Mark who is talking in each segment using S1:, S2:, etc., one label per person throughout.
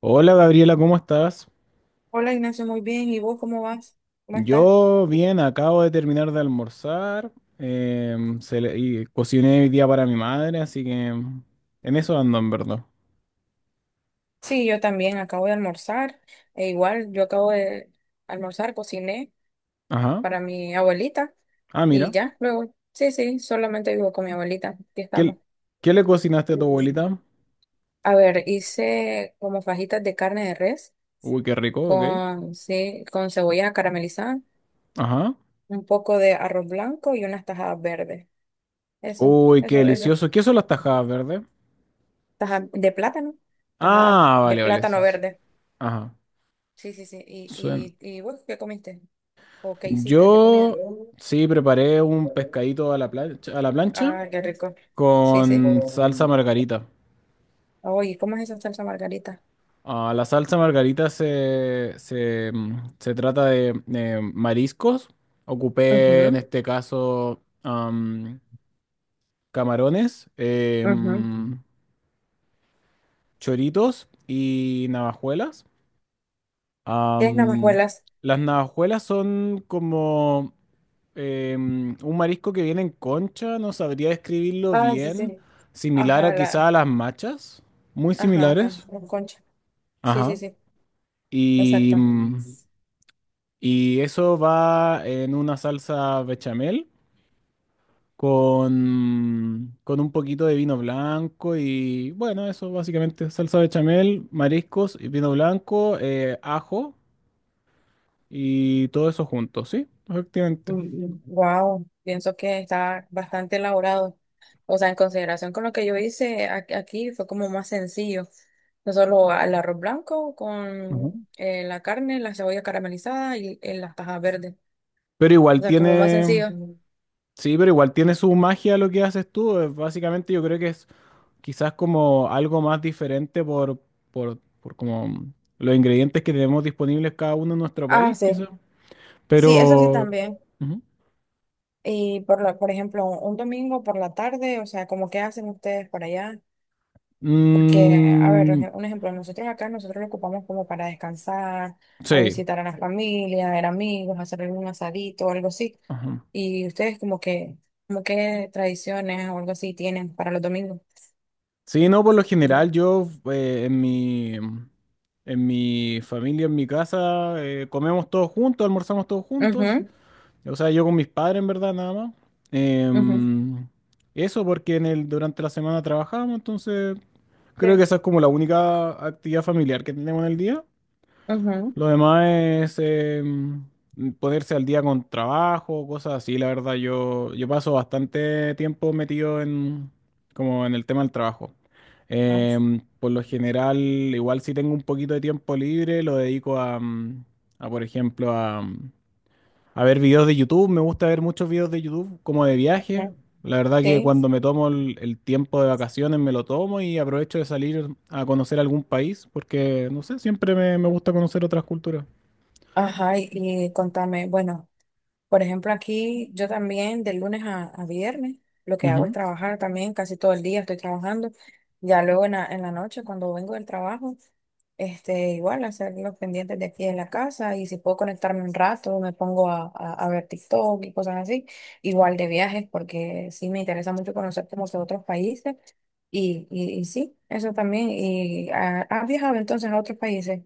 S1: Hola Gabriela, ¿cómo estás?
S2: Hola Ignacio, muy bien. ¿Y vos cómo vas? ¿Cómo estás?
S1: Yo bien, acabo de terminar de almorzar. Em, se le- y Cociné hoy día para mi madre, así que en eso ando en verdad.
S2: Sí, yo también acabo de almorzar. E igual, yo acabo de almorzar, cociné
S1: Ajá.
S2: para mi abuelita
S1: Ah,
S2: y
S1: mira.
S2: ya, luego, sí, sí, solamente vivo con mi abuelita. Aquí
S1: ¿Qué,
S2: estamos.
S1: l- Qué le cocinaste a tu abuelita?
S2: A ver, hice como fajitas de carne de res
S1: Uy, qué rico, ok.
S2: con, sí, con cebolla caramelizada,
S1: Ajá.
S2: un poco de arroz blanco y unas tajadas verdes. Eso,
S1: Uy, qué
S2: eso, eso.
S1: delicioso. ¿Qué son las tajadas verdes?
S2: Tajadas de plátano, tajadas
S1: Ah,
S2: de
S1: vale, vale,
S2: plátano
S1: sí, sí.
S2: verde.
S1: Ajá.
S2: Sí, sí, sí.
S1: Suen-
S2: ¿Y, y vos qué comiste? ¿O qué hiciste de comida?
S1: Yo sí preparé un pescadito a la plancha
S2: Ah, qué rico. Sí, sí.
S1: con salsa margarita.
S2: Oye, ¿cómo es esa salsa margarita?
S1: Ah, la salsa margarita se trata de mariscos. Ocupé en
S2: Ujú,
S1: este caso camarones,
S2: ujú.
S1: choritos y navajuelas.
S2: ¿Tienes
S1: Am,
S2: navajuelas?
S1: las navajuelas son como un marisco que viene en concha, no sabría describirlo
S2: Ah, sí,
S1: bien,
S2: sí.
S1: similar a
S2: Ajá,
S1: quizá
S2: la,
S1: a las machas, muy
S2: ajá, ajá,
S1: similares.
S2: la concha. Sí, sí,
S1: Ajá.
S2: sí,
S1: Y,
S2: exacto.
S1: mm, Y eso va en una salsa bechamel con un poquito de vino blanco y bueno, eso básicamente salsa bechamel, mariscos y vino blanco, ajo y todo eso junto, ¿sí? Efectivamente.
S2: Wow, pienso que está bastante elaborado. O sea, en consideración con lo que yo hice aquí, fue como más sencillo. No solo el arroz blanco
S1: Ujú.
S2: con la carne, la cebolla caramelizada y, las tajas verdes.
S1: Pero
S2: O
S1: igual
S2: sea, como más
S1: tiene,
S2: sencillo.
S1: sí, pero igual tiene su magia lo que haces tú. Básicamente yo creo que es quizás como algo más diferente por como los ingredientes que tenemos disponibles cada uno en nuestro
S2: Ah,
S1: país,
S2: sí.
S1: quizás.
S2: Sí, eso sí
S1: Pero
S2: también.
S1: ujú.
S2: Y por la, por ejemplo, un domingo por la tarde, o sea, ¿como qué hacen ustedes por allá? Porque, a ver,
S1: Mm,
S2: un un ejemplo, nosotros acá nosotros lo ocupamos como para descansar o
S1: sí.
S2: visitar a la familia, ver amigos, hacer algún asadito o algo así.
S1: Ajá.
S2: Y ustedes como que, como qué tradiciones o algo así tienen para los domingos.
S1: Sí, no, por lo general yo, en mi familia, en mi casa, comemos todos juntos, almorzamos todos juntos.
S2: Mhm,
S1: O sea, yo con mis padres en verdad nada más.
S2: mhm.
S1: Em, Eso porque en el, durante la semana trabajamos, entonces creo que
S2: Sí.
S1: esa es como la única actividad familiar que tenemos en el día.
S2: Mhm.
S1: Lo demás es ponerse al día con trabajo, cosas así. La verdad, yo paso bastante tiempo metido en, como en el tema del trabajo.
S2: Ah,
S1: Por lo general, igual si tengo un poquito de tiempo libre, lo dedico por ejemplo, a ver videos de YouTube. Me gusta ver muchos videos de YouTube como de viaje. La verdad que
S2: sí. Sí,
S1: cuando me tomo el tiempo de vacaciones, me lo tomo y aprovecho de salir a conocer algún país, porque, no sé, siempre me gusta conocer otras culturas.
S2: ajá, y contame, bueno, por ejemplo, aquí yo también de lunes a viernes lo que hago es
S1: Ujú.
S2: trabajar también, casi todo el día estoy trabajando. Ya luego en la noche cuando vengo del trabajo, este, igual hacer los pendientes de aquí en la casa y si puedo conectarme un rato me pongo a ver TikTok y cosas así. Igual de viajes porque sí me interesa mucho conocer como que otros países y, y sí, eso también. ¿Y has viajado entonces a otros países?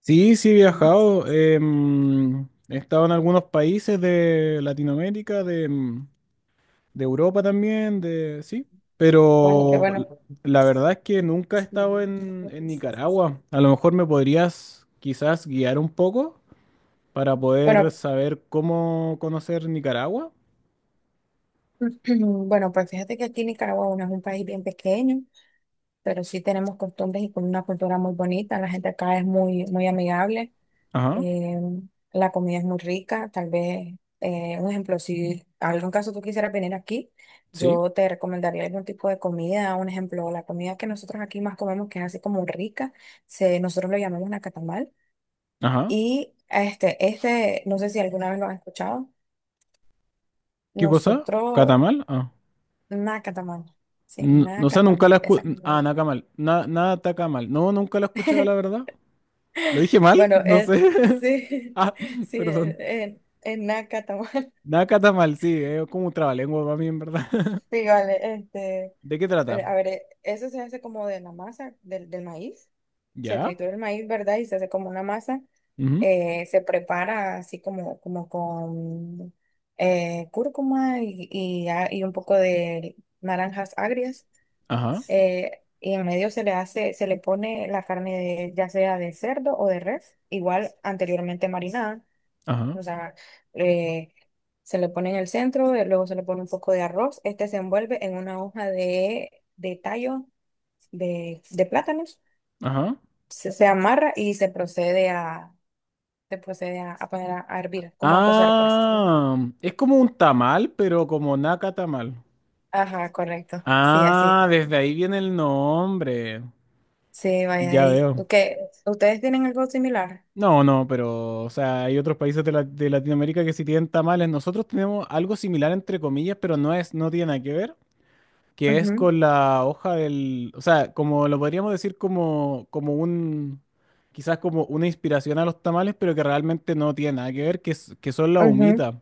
S1: Sí, sí he viajado. He estado en algunos países de Latinoamérica, de Europa también, de sí.
S2: Bueno, qué
S1: Pero
S2: bueno.
S1: l- la verdad es que nunca he estado en Nicaragua. A lo mejor me podrías quizás guiar un poco para
S2: Bueno,
S1: poder saber cómo conocer Nicaragua.
S2: bueno, pues fíjate que aquí Nicaragua, bueno, es un país bien pequeño, pero sí tenemos costumbres y con una cultura muy bonita. La gente acá es muy, muy amigable,
S1: Ajá,
S2: eh, la comida es muy rica. Tal vez, un ejemplo, si algún caso tú quisieras venir aquí,
S1: sí.
S2: yo te recomendaría algún tipo de comida. Un ejemplo, la comida que nosotros aquí más comemos, que es así como rica, se, nosotros lo llamamos nacatamal.
S1: Ajá.
S2: Y este, no sé si alguna vez lo has escuchado.
S1: ¿Qué cosa?
S2: Nosotros
S1: ¿Catamal? Ah.
S2: nacatamal. Sí,
S1: No, sé, nunca la
S2: nacatamal,
S1: escuché. Ah,
S2: exacto.
S1: Nacamal. Na, nada Tacamal. No, nunca la he escuchado, la verdad. ¿Lo dije mal?
S2: Bueno,
S1: No sé.
S2: sí,
S1: Ah,
S2: sí,
S1: perdón.
S2: nacatamal.
S1: Nakata mal, sí, es como un trabalengua para mí, en verdad.
S2: Sí, vale, este,
S1: ¿De qué trata?
S2: a ver, eso se hace como de la masa del, del maíz. Se
S1: ¿Ya?
S2: tritura el maíz, ¿verdad? Y se hace como una masa.
S1: Ujú,
S2: Se prepara así como, como con cúrcuma y, y un poco de naranjas agrias.
S1: ajá,
S2: Y en medio se le hace, se le pone la carne ya sea de cerdo o de res, igual anteriormente marinada,
S1: ajá,
S2: o sea, eh, se le pone en el centro, luego se le pone un poco de arroz, este se envuelve en una hoja de tallo de plátanos,
S1: ajá.
S2: se amarra y se procede a poner a hervir, como a cocer pues.
S1: Ah, es como un tamal, pero como Nakata mal.
S2: Ajá, correcto, sí, así,
S1: Ah, desde ahí viene el nombre.
S2: sí, vaya de
S1: Ya
S2: ahí.
S1: veo.
S2: ¿Qué? ¿Ustedes tienen algo similar?
S1: No, no, pero, o sea, hay otros países de Latinoamérica que sí tienen tamales. Nosotros tenemos algo similar, entre comillas, pero no es, no tiene nada que ver. Que es
S2: Ujú,
S1: con la hoja del, o sea, como lo podríamos decir como un, quizás como una inspiración a los tamales, pero que realmente no tiene nada que ver, que son las
S2: ujú,
S1: humitas.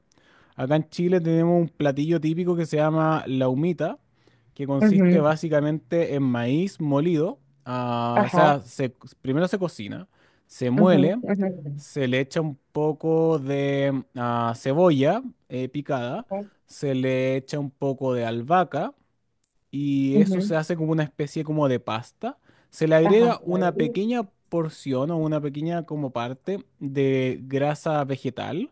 S1: Acá en Chile tenemos un platillo típico que se llama la humita, que consiste
S2: ujú.
S1: básicamente en maíz molido. ah, o
S2: Ajá.
S1: sea, se- Primero se cocina, se
S2: Ujú,
S1: muele,
S2: ujú,
S1: se le echa un poco de cebolla picada,
S2: ujú,
S1: se le echa un poco de albahaca y eso se
S2: ujú.
S1: hace como una especie como de pasta. Se le
S2: Ajá.
S1: agrega una pequeña porción o una pequeña como parte de grasa vegetal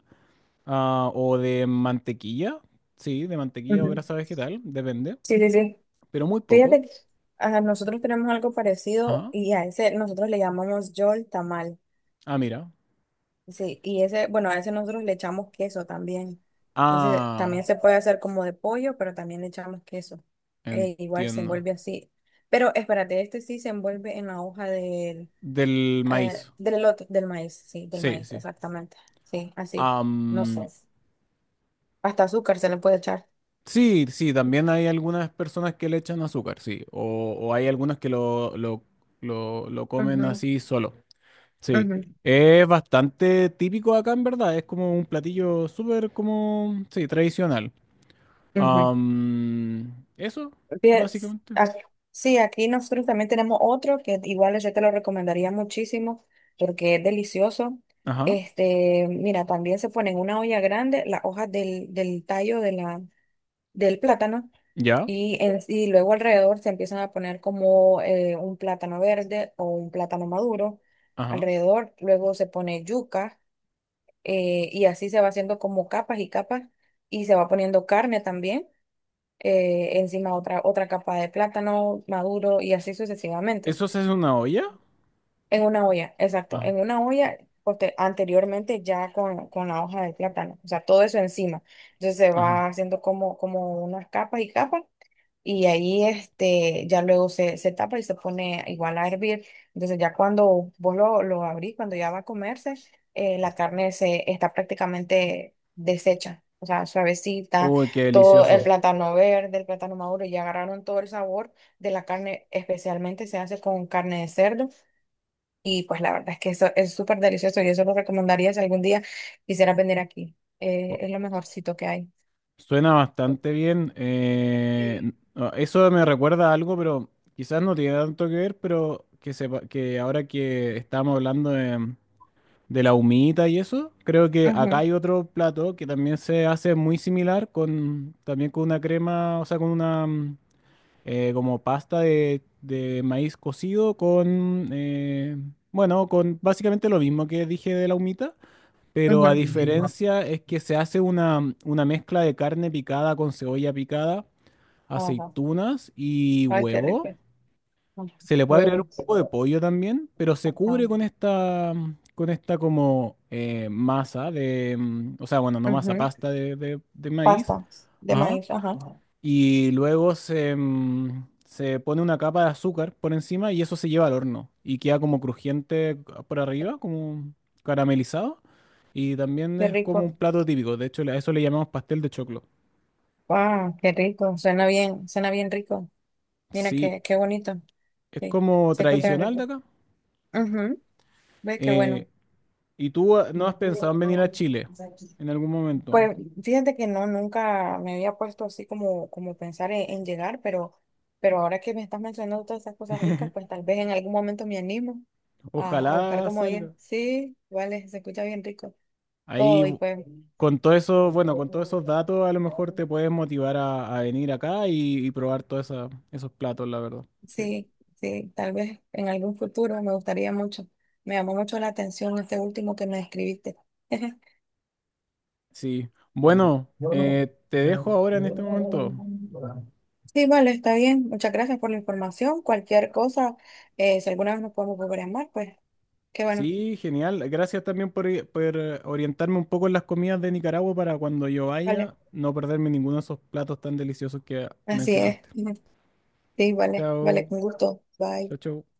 S1: o de mantequilla. Sí, de mantequilla o
S2: Ujú.
S1: grasa vegetal, depende,
S2: Sí, sí, sí.
S1: pero muy poco.
S2: Fíjate que nosotros tenemos algo parecido
S1: Ajá.
S2: y a ese nosotros le llamamos yol tamal.
S1: Ah, mira.
S2: Sí, y ese, bueno, a ese nosotros le echamos queso también. Ese también
S1: Ah,
S2: se puede hacer como de pollo, pero también le echamos queso. Igual se
S1: entiendo.
S2: envuelve así. Pero espérate, este sí se envuelve en la hoja del,
S1: Del maíz.
S2: del elote, del maíz, sí, del
S1: Sí,
S2: maíz,
S1: sí.
S2: exactamente. Sí, así. No sé.
S1: Am,
S2: Hasta azúcar se le puede echar.
S1: sí, sí, también hay algunas personas que le echan azúcar, sí. O hay algunos que lo comen así solo. Sí,
S2: Ujú,
S1: es bastante típico acá en verdad, es como un platillo súper como, sí, tradicional.
S2: ujú.
S1: Eso,
S2: Bien,
S1: básicamente.
S2: ac- sí, aquí nosotros también tenemos otro que igual yo te lo recomendaría muchísimo porque es delicioso.
S1: Ajá,
S2: Este, mira, también se pone en una olla grande las hojas del, del tallo de la, del plátano
S1: ya,
S2: y, y luego alrededor se empiezan a poner como un plátano verde o un plátano maduro.
S1: ajá.
S2: Alrededor luego se pone yuca y así se va haciendo como capas y capas y se va poniendo carne también. Encima otra, otra capa de plátano maduro y así sucesivamente.
S1: ¿Eso se hace en una olla?
S2: En una olla, exacto,
S1: Ajá,
S2: en una olla anteriormente ya con la hoja del plátano, o sea, todo eso encima. Entonces se
S1: ajá.
S2: va haciendo como, como unas capas y capas y ahí este, ya luego se, se tapa y se pone igual a hervir. Entonces ya cuando vos lo abrís, cuando ya va a comerse, la carne se está prácticamente deshecha. O sea, suavecita,
S1: Uy, qué
S2: todo el
S1: delicioso.
S2: plátano verde, el plátano maduro, ya agarraron todo el sabor de la carne, especialmente se hace con carne de cerdo. Y pues la verdad es que eso es súper delicioso y eso lo recomendaría si algún día quisieras venir aquí.
S1: Oh,
S2: Es lo mejorcito que hay.
S1: suena bastante bien.
S2: Sí.
S1: Eso me recuerda a algo, pero quizás no tiene tanto que ver, pero que sepa, que ahora que estábamos hablando de la humita y eso. Creo que acá
S2: Ujú,
S1: hay otro plato que también se hace muy similar con también con una crema, o sea, con una como pasta de maíz cocido con bueno, con básicamente lo mismo que dije de la humita, pero a
S2: ujú.
S1: diferencia es que se hace una mezcla de carne picada con cebolla picada,
S2: Ajá.
S1: aceitunas y
S2: Ay, qué rico.
S1: huevo. Se le puede agregar un
S2: Huevos.
S1: poco de pollo también, pero se
S2: Ajá.
S1: cubre con esta, con esta como masa o sea, bueno, no masa,
S2: Ujú.
S1: pasta de maíz.
S2: Pastas de
S1: Ajá.
S2: maíz, ajá.
S1: Y luego se pone una capa de azúcar por encima y eso se lleva al horno y queda como crujiente por arriba, como caramelizado. Y también
S2: Qué
S1: es como un
S2: rico.
S1: plato típico, de hecho a eso le llamamos pastel de choclo.
S2: Wow, qué rico. Suena bien rico. Mira
S1: Sí,
S2: qué, qué bonito.
S1: es
S2: Sí,
S1: como
S2: se escucha bien
S1: tradicional de
S2: rico.
S1: acá.
S2: Ujú. Ve qué
S1: eh,
S2: bueno.
S1: ¿Y tú no has pensado en venir a Chile en algún momento?
S2: Pues fíjate que no, nunca me había puesto así como, como pensar en llegar, pero ahora que me estás mencionando todas esas cosas ricas, pues tal vez en algún momento me animo a buscar
S1: Ojalá
S2: como ir.
S1: salga.
S2: Sí, vale, se escucha bien rico.
S1: Ahí,
S2: Todo y
S1: bu-
S2: pues.
S1: con todo eso, bueno, con todos esos datos, a lo mejor te puedes motivar a venir acá y probar todos esos platos, la verdad. Sí.
S2: Sí, sí, tal vez en algún futuro me gustaría mucho. Me llamó mucho la atención este último que me escribiste.
S1: Sí. Bueno, te dejo ahora en este momento.
S2: Sí, vale, está bien. Muchas gracias por la información. Cualquier cosa, si alguna vez nos podemos volver a llamar, pues qué bueno.
S1: Sí, genial. Gracias también por orientarme un poco en las comidas de Nicaragua para cuando yo
S2: Vale,
S1: vaya no perderme ninguno de esos platos tan deliciosos que
S2: así es.
S1: mencionaste.
S2: Sí, vale, vale,
S1: Chao,
S2: con gusto.
S1: chao,
S2: Bye.
S1: chao.